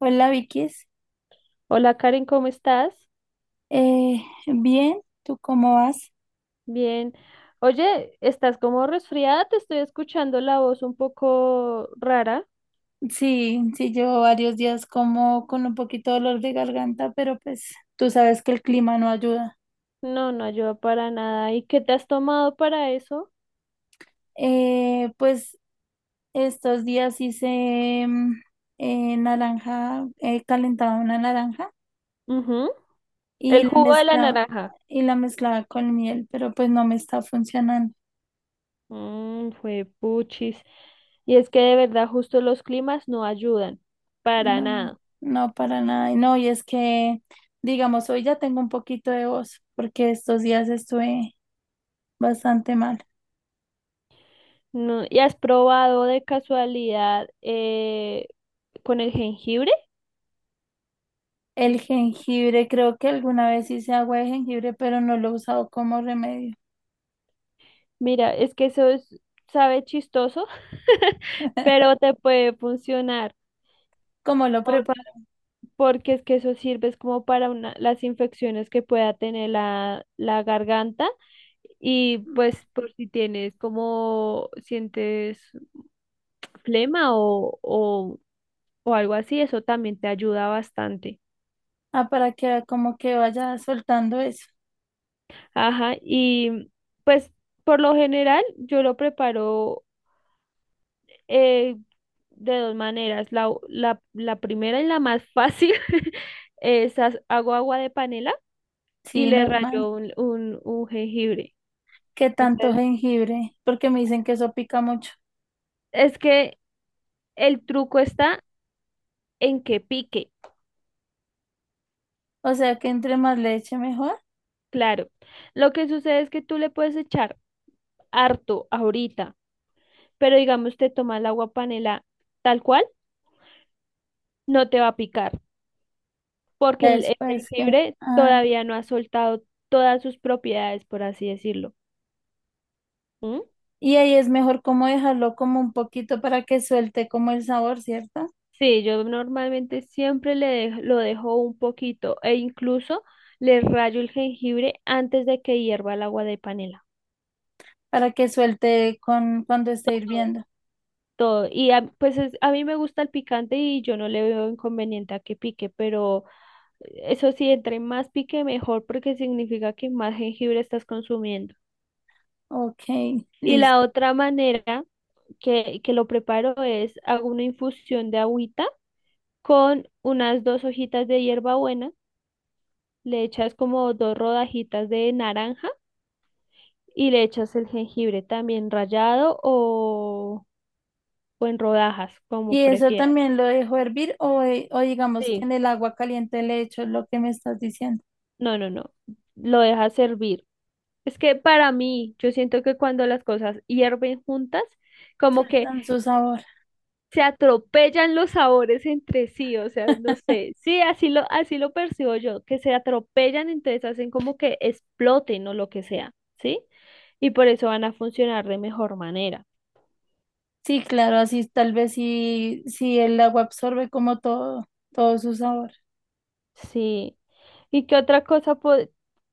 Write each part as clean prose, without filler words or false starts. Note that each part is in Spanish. Hola Vicky, Hola Karen, ¿cómo estás? Bien, ¿tú cómo vas? Bien. Oye, ¿estás como resfriada? Te estoy escuchando la voz un poco rara. Sí, sí, llevo varios días como con un poquito de dolor de garganta, pero pues tú sabes que el clima no ayuda. No, no ayuda para nada. ¿Y qué te has tomado para eso? Pues estos días hice naranja, calentaba una naranja Ujú. y El jugo de la naranja. y la mezclaba con miel, pero pues no me está funcionando. Mmm, fue puchis. Y es que de verdad justo los climas no ayudan para No, nada. no para nada. Y no, y es que, digamos, hoy ya tengo un poquito de voz, porque estos días estuve bastante mal. No, ¿y has probado de casualidad con el jengibre? El jengibre, creo que alguna vez hice agua de jengibre, pero no lo he usado como remedio. Mira, es que sabe chistoso, pero te puede funcionar. ¿Cómo lo por- preparo? porque es que eso sirve es como para una, las infecciones que pueda tener la garganta, y pues por si tienes como sientes flema o algo así, eso también te ayuda bastante. Ah, para que como que vaya soltando eso. Ajá, y pues por lo general yo lo preparo eh, de dos maneras. La primera y la más fácil es hago agua de panela y Sí, le normal. rayo un jengibre. ¿Qué tanto jengibre? Porque me dicen que eso pica mucho. Es que el truco está en que pique, O sea que entre más leche mejor. claro. Lo que sucede es que tú le puedes echar harto ahorita, pero digamos te toma el agua panela tal cual, no te va a picar, porque Ya. el Después que... jengibre ah, todavía no ha soltado todas sus propiedades, por así decirlo. ¿Mm? y ahí es mejor como dejarlo como un poquito para que suelte como el sabor, ¿cierto? Sí, yo normalmente siempre lo dejo un poquito e incluso le rayo el jengibre antes de que hierva el agua de panela. Para que suelte con cuando esté hirviendo. Todo. A mí me gusta el picante y yo no le veo inconveniente a que pique, pero eso sí, entre más pique mejor porque significa que más jengibre estás consumiendo. Ok, Y la listo. otra manera que lo preparo es hago una infusión de agüita con unas dos hojitas de hierbabuena, le echas como dos rodajitas de naranja y le echas el jengibre también rallado o en rodajas, ¿Y como eso prefieras. también lo dejo hervir o digamos que en Sí, el agua caliente le echo lo que me estás diciendo? no, no, no. Lo dejas hervir. Es que para mí, yo siento que cuando las cosas hierven juntas, como que Sueltan su sabor. se atropellan los sabores entre sí, o sea, no sé, sí, así lo percibo yo, que se atropellan, entonces hacen como que exploten o lo que sea, ¿sí? Y por eso van a funcionar de mejor manera, Sí, claro, así tal vez si el agua absorbe como todo, todo su sabor. sí. ¿Y qué otra cosa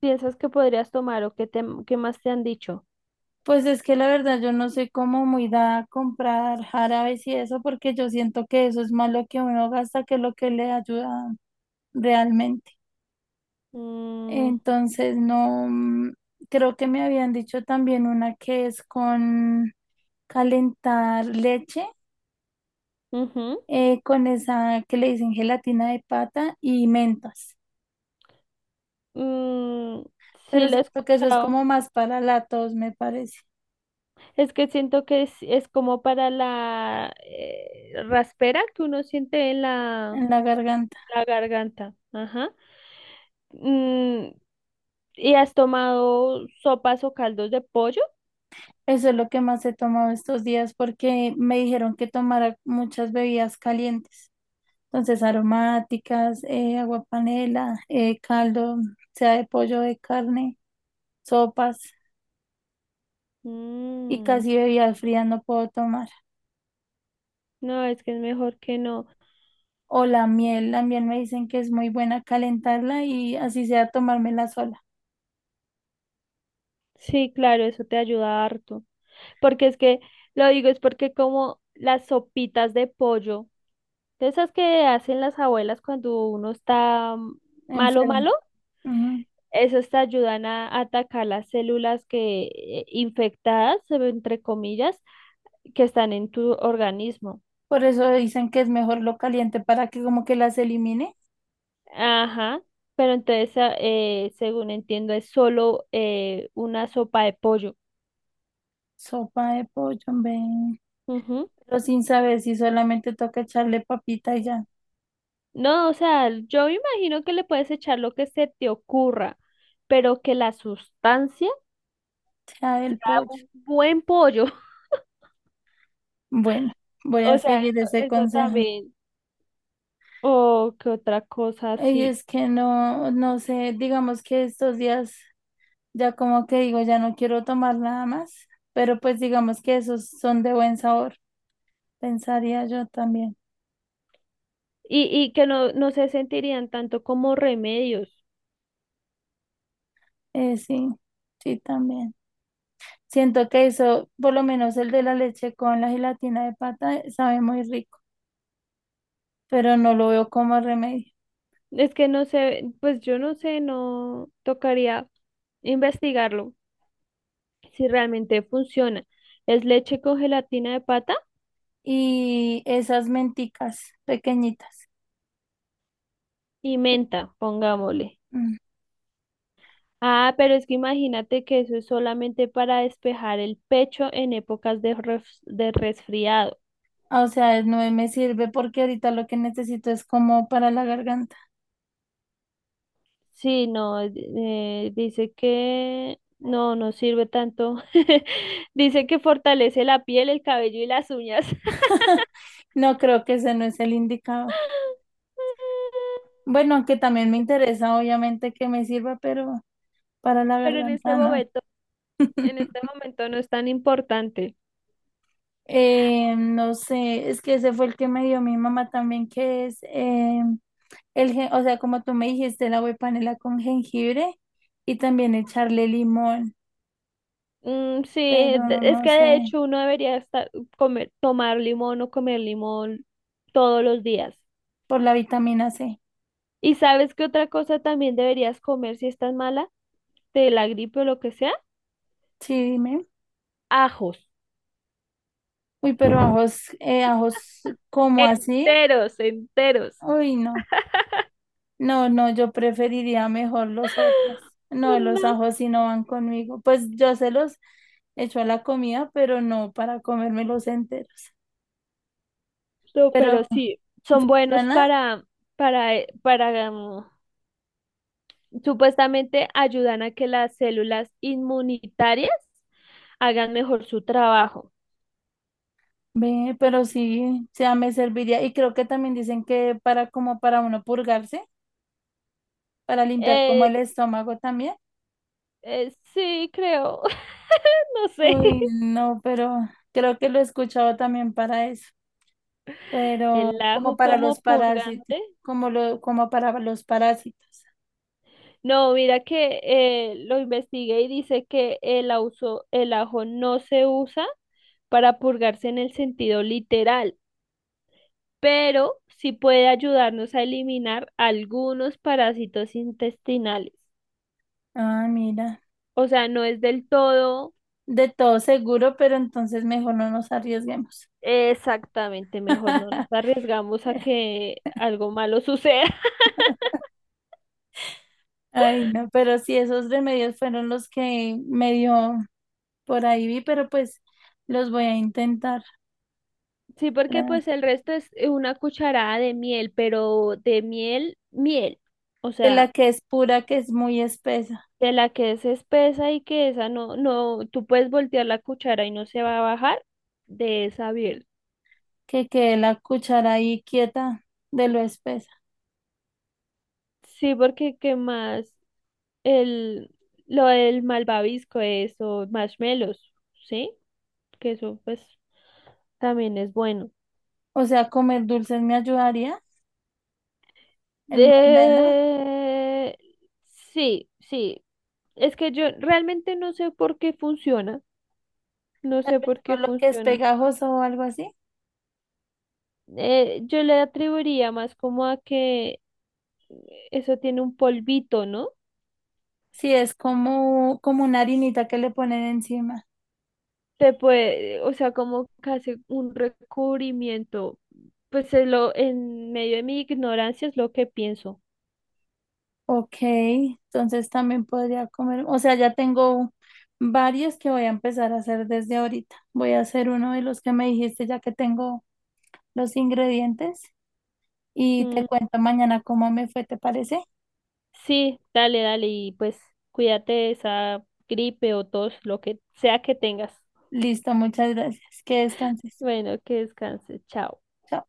piensas que podrías tomar o qué, qué más te han dicho? Pues es que la verdad yo no soy como muy dada a comprar jarabes y eso porque yo siento que eso es más lo que uno gasta que lo que le ayuda realmente. Mm, Entonces no, creo que me habían dicho también una que es con calentar leche ujú, con esa que le dicen gelatina de pata y mentas. mm, sí, Pero lo he siento que eso es escuchado. como más para la tos, me parece, Es que siento que es como para la raspera que uno siente en la, en la garganta. la garganta. Ajá. Mm, ¿y has tomado sopas o caldos de pollo? Eso es lo que más he tomado estos días porque me dijeron que tomara muchas bebidas calientes. Entonces, aromáticas, agua panela, caldo, sea de pollo, de carne, sopas y Mm, casi bebidas frías no puedo tomar. no, es que es mejor que no. O la miel me dicen que es muy buena calentarla y así sea tomármela sola, Sí, claro, eso te ayuda harto. Porque es que, lo digo, es porque como las sopitas de pollo, de esas que hacen las abuelas cuando uno está malo, enfermo. malo. Esas te ayudan a atacar las células que infectadas, entre comillas, que están en tu organismo. Por eso dicen que es mejor lo caliente para que como que las elimine. Ajá, pero entonces, según entiendo, es solo una sopa de pollo. Sopa de pollo, hombre. Ujú. Pero sin saber si solamente toca echarle papita y ya, No, o sea, yo me imagino que le puedes echar lo que se te ocurra, pero que la sustancia, ya el pollo. un buen pollo. Bueno, voy a O sea, seguir ese eso consejo. también. O que otra cosa Y así. es que no, no sé, digamos que estos días ya como que digo, ya no quiero tomar nada más, pero pues digamos que esos son de buen sabor, pensaría yo también. Y que no, se sentirían tanto como remedios. Sí, sí, también. Siento que eso, por lo menos el de la leche con la gelatina de pata, sabe muy rico, pero no lo veo como remedio. Es que no sé, pues yo no sé, no tocaría investigarlo si realmente funciona. Es leche con gelatina de pata Y esas menticas pequeñitas. y menta, pongámosle. Mm. Ah, pero es que imagínate que eso es solamente para despejar el pecho en épocas de resfriado. O sea, no me sirve porque ahorita lo que necesito es como para la garganta. Sí, no, dice que no, sirve tanto. Dice que fortalece la piel, el cabello y las uñas. No creo, que ese no es el indicado. Bueno, aunque también me interesa, obviamente, que me sirva, pero para la Pero en este garganta no. momento En este momento no es tan importante. No sé, es que ese fue el que me dio mi mamá también, que es el, o sea, como tú me dijiste, la agua de panela con jengibre y también echarle limón, Mm, sí, pero no es que de sé, hecho uno debería comer, tomar limón o comer limón todos los días. por la vitamina C. ¿Y sabes qué otra cosa también deberías comer si estás mala? De la gripe o lo que sea. Sí, dime. Ajos. Uy, pero ajos, ajos como así. Enteros, enteros. Uy, no. No, no, yo preferiría mejor los otros. No, No, los no, ajos sí no van conmigo. Pues yo se los echo a la comida, pero no para comérmelos enteros. no, Pero pero sí, son buenos funciona, para, supuestamente ayudan a que las células inmunitarias hagan mejor su trabajo. ve, pero sí, o sea, me serviría. Y creo que también dicen que para como para uno purgarse, para limpiar como Eh, el estómago también. sí, creo, no sé, Uy, no, pero creo que lo he escuchado también para eso, pero el como ajo para los como parásitos, purgante. como lo, como para los parásitos. No, mira que lo investigué y dice que el ajo no se usa para purgarse en el sentido literal, pero sí puede ayudarnos a eliminar algunos parásitos intestinales. Ah, mira, O sea, no es del todo de todo seguro, pero entonces mejor no nos arriesguemos. exactamente, mejor no nos arriesgamos a que algo malo suceda. Ay, no, pero sí, esos remedios fueron los que medio por ahí vi, pero pues los voy a intentar. Sí, porque La, pues el resto es una cucharada de miel, pero de miel, miel. O de la sea, que es pura, que es muy espesa. de la que es espesa y que esa no, no, tú puedes voltear la cuchara y no se va a bajar de esa miel. Que quede la cuchara ahí quieta de lo espesa. Sí, porque qué más el, lo del malvavisco, eso, marshmallows, ¿sí? Que eso pues también es bueno. O sea, comer dulces me ayudaría, el marmelo, De... Sí, sí. Es que yo realmente no sé por qué funciona. No tal sé vez por qué con lo que es funciona. pegajoso o algo así. Yo le atribuiría más como a que eso tiene un polvito, ¿no? Si es como, como una harinita que le ponen encima. O sea, como que hace un recubrimiento. Pues es lo, en medio de mi ignorancia es lo que pienso. Ok, entonces también podría comer, o sea, ya tengo varios que voy a empezar a hacer desde ahorita. Voy a hacer uno de los que me dijiste ya que tengo los ingredientes y te Mm, cuento mañana cómo me fue, ¿te parece? sí, dale, dale, y pues cuídate de esa gripe o tos, lo que sea que tengas. Listo, muchas gracias. Que descanses. Bueno, que descanses, chao. Chao.